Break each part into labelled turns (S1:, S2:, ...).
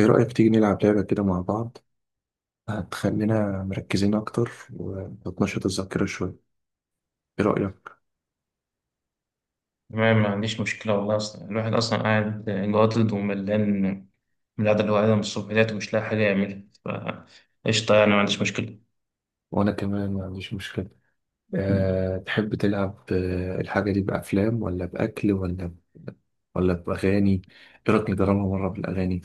S1: ايه رأيك تيجي نلعب لعبة كده مع بعض؟ هتخلينا مركزين اكتر وتنشط الذاكرة شوية. ايه رأيك؟
S2: تمام، ما عنديش مشكلة والله. أصلا الواحد أصلا قاعد جاضد وملان من القعدة اللي هو قاعدها من الصبح ديت ومش لاقي حاجة يعملها، فقشطة يعني. ما عنديش مجمشكلة.
S1: وانا كمان ما عنديش مشكله. تحب تلعب، الحاجة دي بأفلام ولا بأكل ولا ولا بأغاني؟ ايه رأيك نجربها مرة بالأغاني؟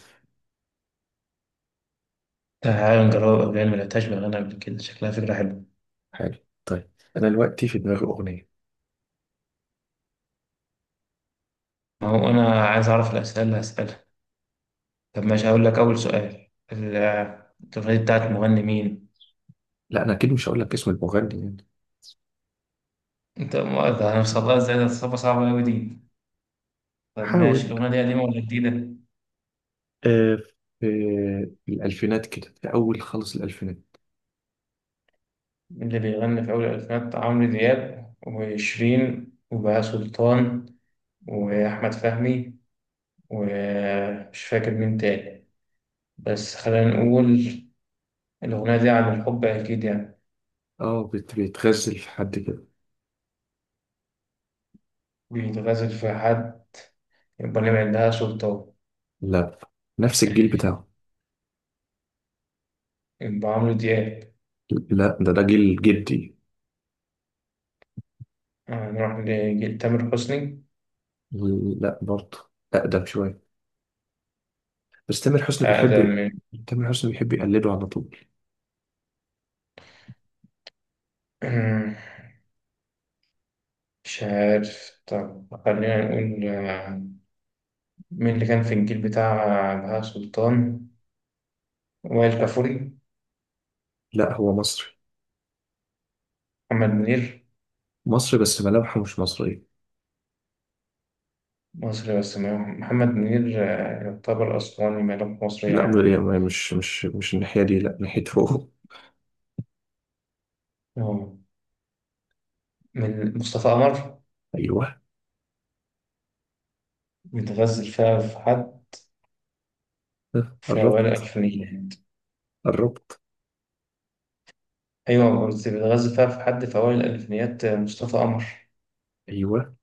S2: تعالى نجربها، قبل ما لقيتهاش بأغاني قبل كده، شكلها فكرة حلوة.
S1: حلو. طيب. انا دلوقتي في دماغي أغنية.
S2: ما هو أنا عايز أعرف الأسئلة اللي هسألها. طب ماشي، هقول لك أول سؤال. الأغنية دي بتاعت مغني مين؟
S1: لا، انا اكيد مش هقول لك اسم المغني يعني.
S2: أنت ده أنا مصدقها إزاي؟ ده صعبة صعبة أوي دي. طب ماشي،
S1: حاول.
S2: الأغنية دي قديمة ولا جديدة؟
S1: أه. في الألفينات كده، في أول خالص الألفينات.
S2: اللي بيغني في أول الألفينات عمرو دياب وشيرين وبهاء سلطان وأحمد فهمي، ومش فاكر مين تاني. بس خلينا نقول الأغنية دي عن الحب أكيد يعني.
S1: اه، بيتغزل في حد كده.
S2: بيتغزل في حد. يبقى نعمل عندها سلطان.
S1: لا. نفس الجيل بتاعه.
S2: يبقى عمرو دياب.
S1: لا، ده جيل جدي.
S2: هنروح لتامر حسني.
S1: لا، برضه. أقدم شوية. بس تامر حسني
S2: أقدم
S1: بيحب.
S2: من
S1: تامر حسني بيحب يقلده على طول.
S2: مش عارف. طب خلينا نقول مين اللي كان في الجيل بتاع بهاء سلطان؟ وائل كفوري؟
S1: لا، هو مصري.
S2: محمد منير؟
S1: مصري بس ملامحه مش مصرية.
S2: مصري بس محمد منير يعتبر أسواني، ماله مصري
S1: لا،
S2: يعني.
S1: يعني مش الناحية دي، لا ناحيته هو.
S2: آه. من مصطفى قمر؟
S1: أيوه.
S2: بيتغزل فيها في حد
S1: ها،
S2: في أوائل
S1: قربت.
S2: الألفينيات.
S1: قربت.
S2: أيوة، بس بيتغزل فيها في حد في أوائل الألفينيات مصطفى قمر.
S1: أيوه.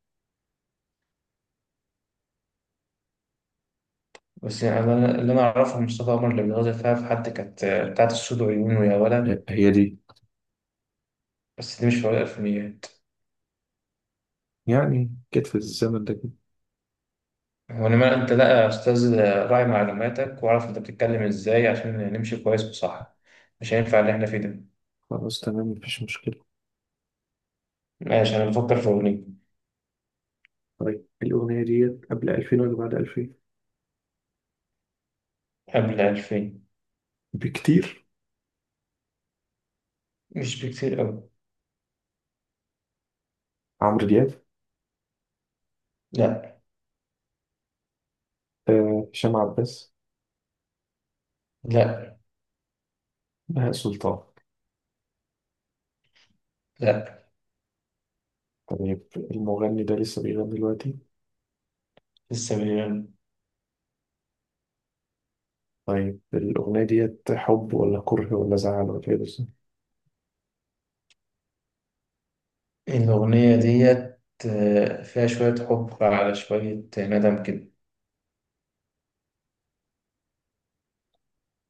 S2: بس يعني أنا اللي أنا أعرفه عن مصطفى قمر اللي بيتغزل فيها في حد كانت بتاعت السود وعيون ويا ولد.
S1: هي دي.
S2: بس دي مش في أوائل الألفينيات.
S1: يعني كانت في الزمن ده كده.
S2: وإنما أنت لا يا أستاذ، راعي معلوماتك وأعرف أنت بتتكلم إزاي عشان نمشي كويس وصح. مش هينفع اللي إحنا فيه ده.
S1: خلاص، تمام، مفيش مشكلة.
S2: ماشي أنا بفكر في أغنية.
S1: طيب، الأغنية دي قبل 2000 ولا بعد 2000؟
S2: قبل 2000.
S1: بكتير؟
S2: مش بكتير أوي.
S1: عمرو دياب؟
S2: لا.
S1: آه، هشام عباس؟
S2: لا.
S1: بهاء سلطان؟
S2: لا.
S1: طيب، المغني ده لسه بيغني دلوقتي؟
S2: لسه مليون.
S1: طيب، الأغنية ديت حب ولا كره ولا زعل ولا إيه بالظبط؟
S2: الأغنية ديت فيها شوية حب على شوية ندم كده.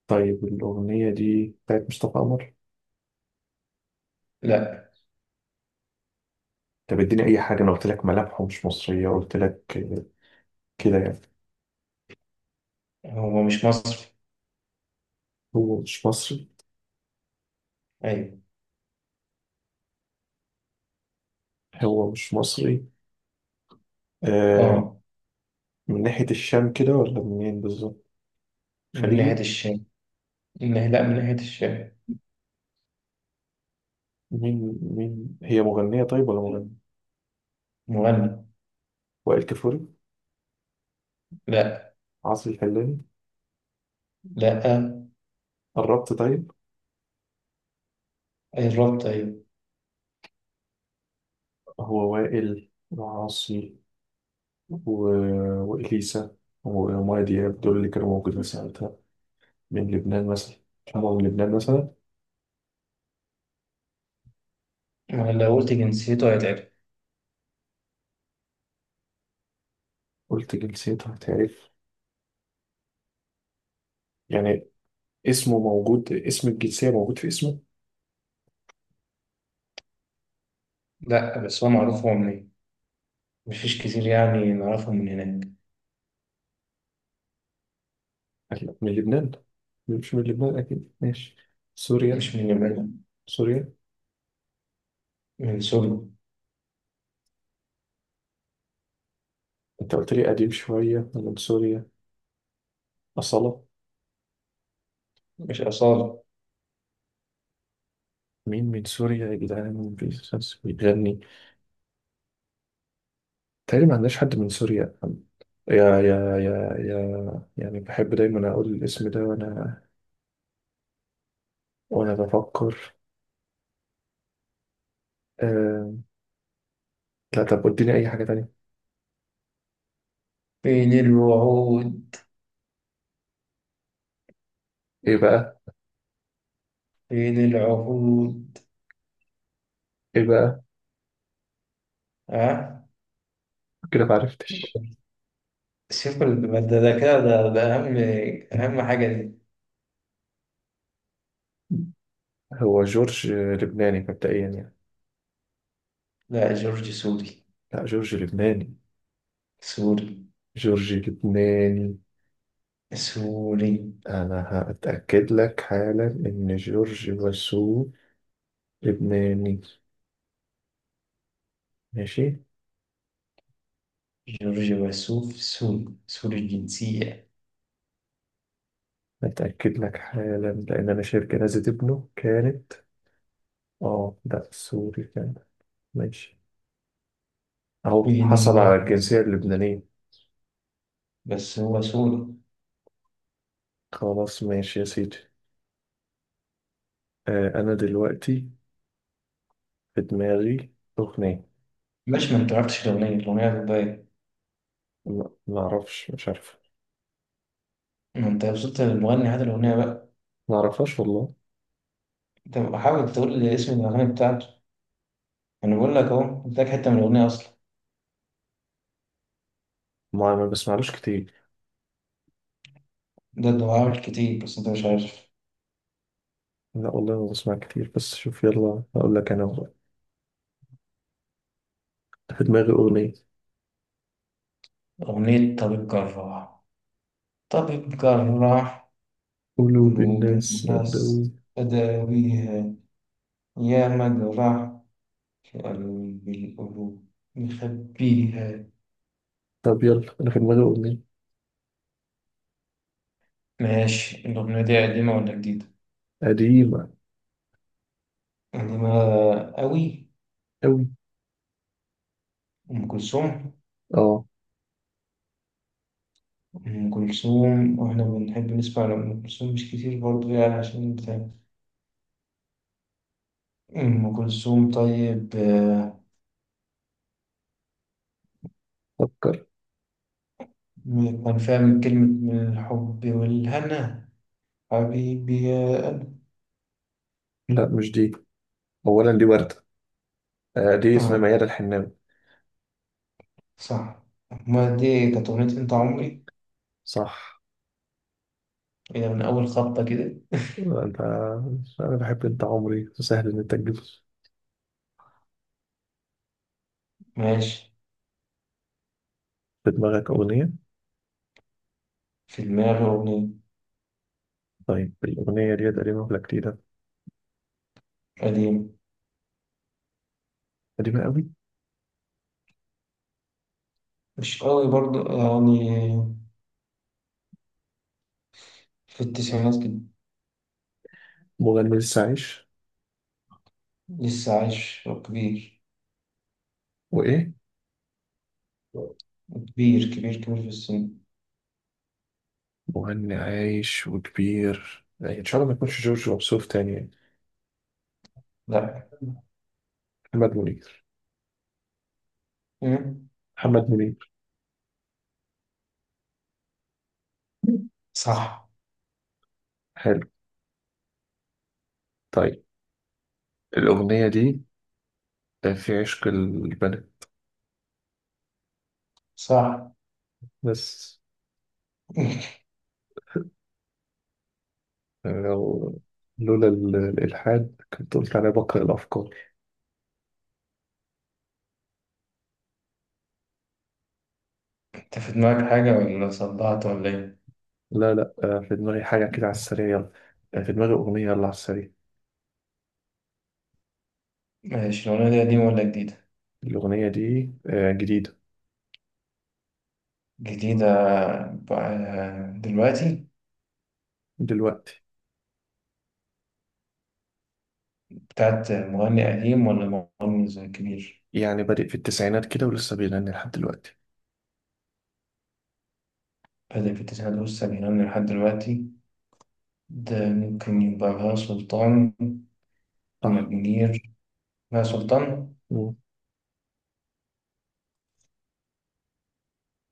S1: طيب، الأغنية دي بتاعت مصطفى قمر؟
S2: لا
S1: طب اديني أي حاجة، أنا قلت لك ملامحه مش مصرية، قلت لك. كده يعني.
S2: هو مش مصري.
S1: هو مش مصري؟
S2: أيوة.
S1: هو مش مصري. آه.
S2: آه.
S1: من ناحية الشام كده ولا منين بالظبط؟
S2: من ناحية
S1: خليجي؟
S2: الشعر. من ناحية، لا، من ناحية الشعر.
S1: مين هي مغنية طيب ولا مغني؟
S2: مغني.
S1: وائل كفوري؟
S2: لا.
S1: عاصي الحلاني؟
S2: لا.
S1: قربت طيب.
S2: أي الربط، أيوة.
S1: هو وائل وعاصي و... وإليسا ومايا دياب، دول اللي كانوا موجودين ساعتها. من لبنان مثلا. هما من لبنان مثلا؟
S2: ما لو قلت جنسيته هيتعرف.
S1: قلت جنسيتها هتعرف. يعني. اسمه موجود، اسم الجنسية موجود في اسمه.
S2: لا بس هو معروف هو منين. مفيش كتير يعني نعرفهم من هناك.
S1: أكيد من لبنان. مش من لبنان، أكيد، ماشي. سوريا.
S2: مش من اليمن.
S1: سوريا.
S2: من سوريا.
S1: أنت قلت لي قديم شوية، أنا من سوريا. أصالة؟
S2: مش أصالة.
S1: مين من سوريا يا جدعان، مين بيغني؟ تقريبا ما عندناش حد من سوريا. يا يا يا يا يعني بحب دايما أقول الاسم ده وأنا بفكر. آه... لا، طب اديني اي حاجة تانية.
S2: فين الوعود،
S1: ايه بقى؟
S2: فين العهود.
S1: ايه بقى؟
S2: ها.
S1: كده ما عرفتش.
S2: شوف ده أهم حاجة دي.
S1: هو جورج لبناني مبدئيا يعني.
S2: لا، جورج سوري.
S1: لا، جورج لبناني.
S2: سوري،
S1: جورج لبناني.
S2: سوري.
S1: انا هتأكد لك حالا ان جورج وسوف لبناني. ماشي.
S2: جورج وسوف سوري، سوري الجنسية.
S1: هتأكد لك حالا لان انا شايف جنازة ابنه كانت. اه، لا، سوري كان. ماشي. اهو
S2: مين اللي
S1: حصل
S2: هو؟
S1: على الجنسية اللبنانية.
S2: بس هو سوري.
S1: خلاص، ماشي يا سيدي. آه، انا دلوقتي في دماغي اغنية.
S2: مش ما انت عرفتش الأغنية بتبين.
S1: لا، ما اعرفش، مش عارف.
S2: ما انت وصلت للمغني، هات الأغنية بقى.
S1: ما اعرفهاش والله.
S2: انت حاول تقول لي اسم الأغنية بتاعته. أنا بقول لك أهو، قلت لك حتة من الأغنية أصلا.
S1: ما بسمعلوش كتير.
S2: ده عامل كتير بس انت مش عارف.
S1: لا والله، ما بسمع كتير، بس شوف، يلا هقول لك انا والله. في دماغي اغنيه.
S2: أغنية طبيب جراح. طبيب جراح
S1: قلوب
S2: قلوب
S1: الناس
S2: الناس،
S1: مقلوب.
S2: أداويها يا مجرح، كألوم القلوب مخبيها.
S1: طب يلا، انا في دماغي اغنيه.
S2: ماشي، الأغنية دي قديمة ولا جديدة؟
S1: قديمه
S2: قديمة أوي.
S1: قوي.
S2: أم كلثوم.
S1: اه.
S2: أم كلثوم، وإحنا بنحب نسمع لأم كلثوم مش كتير برضه يعني، عشان بتاع. أم كلثوم، طيب.
S1: فكر.
S2: كان فيها من كلمة من الحب والهنا. حبيبي يا قلبي.
S1: لا، مش دي. اولا دي ورده. آه، دي اسمها
S2: آه،
S1: ميادة الحناوي.
S2: صح. ما دي كانت أغنية أنت عمري.
S1: صح.
S2: إيه ده من أول خبطة كده؟
S1: انت. انا بحب انت عمري، سهل ان انت تجيب.
S2: ماشي،
S1: في دماغك اغنيه.
S2: في دماغي أغنية.
S1: طيب، الاغنيه دي قديمه ولا جديده؟
S2: قديمة.
S1: قديمه قوي؟
S2: مش قوي برضه يعني، في التسعينات كده.
S1: مغني لسه عايش؟
S2: لسه عايش وكبير.
S1: وايه؟
S2: كبير كبير كبير في السن.
S1: مغني عايش وكبير يعني، ان شاء الله ما يكونش جورج وسوف تاني يعني.
S2: لأ.
S1: محمد منير؟
S2: مم.
S1: محمد منير؟
S2: صح.
S1: حلو. طيب. الأغنية دي في عشق البنات.
S2: صح.
S1: بس. لو لولا الإلحاد كنت قلت عليها بقرأ الأفكار.
S2: أنت في دماغك حاجة ولا صدعت ولا إيه؟
S1: لا، لا، في دماغي حاجة كده على السريع، يلا. في دماغي أغنية، يلا على السريع.
S2: ماشي، الأغنية دي قديمة ولا جديدة؟
S1: الأغنية دي جديدة.
S2: جديدة بقى دلوقتي.
S1: دلوقتي.
S2: بتاعت مغني قديم ولا مغني زي كبير؟
S1: يعني بادئ في التسعينات كده ولسه بيغني لحد دلوقتي.
S2: بدأ في التسعينات والسبعينات لحد دلوقتي. ده ممكن يبقى بهاء سلطان. محمد
S1: صح.
S2: منير. بهاء سلطان.
S1: مم.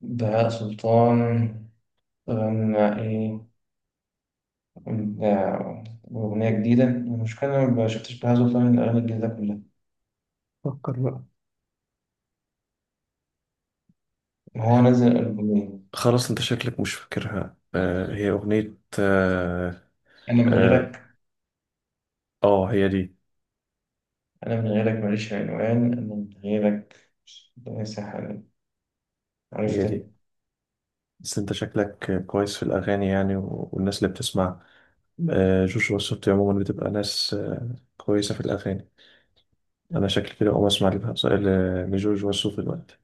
S2: بهاء سلطان غنى إيه؟ آه، أغنية جديدة، المشكلة أنا ما شفتش بهاء سلطان الأغاني الجديدة كلها.
S1: فكر بقى.
S2: هو نزل ألبومين.
S1: خلاص، انت شكلك مش فاكرها، آه هي اغنية
S2: أنا من
S1: آه.
S2: غيرك.
S1: آه، هي دي.
S2: أنا من غيرك ماليش عنوان. أنا من غيرك. ليس حالا.
S1: هي دي.
S2: عرفت.
S1: بس انت شكلك كويس في الاغاني يعني، والناس اللي بتسمع، جوجو والسبتي عموما بتبقى ناس كويسة في الاغاني. انا شكلي كده اقوم اسمع لجوجو والسوف دلوقتي.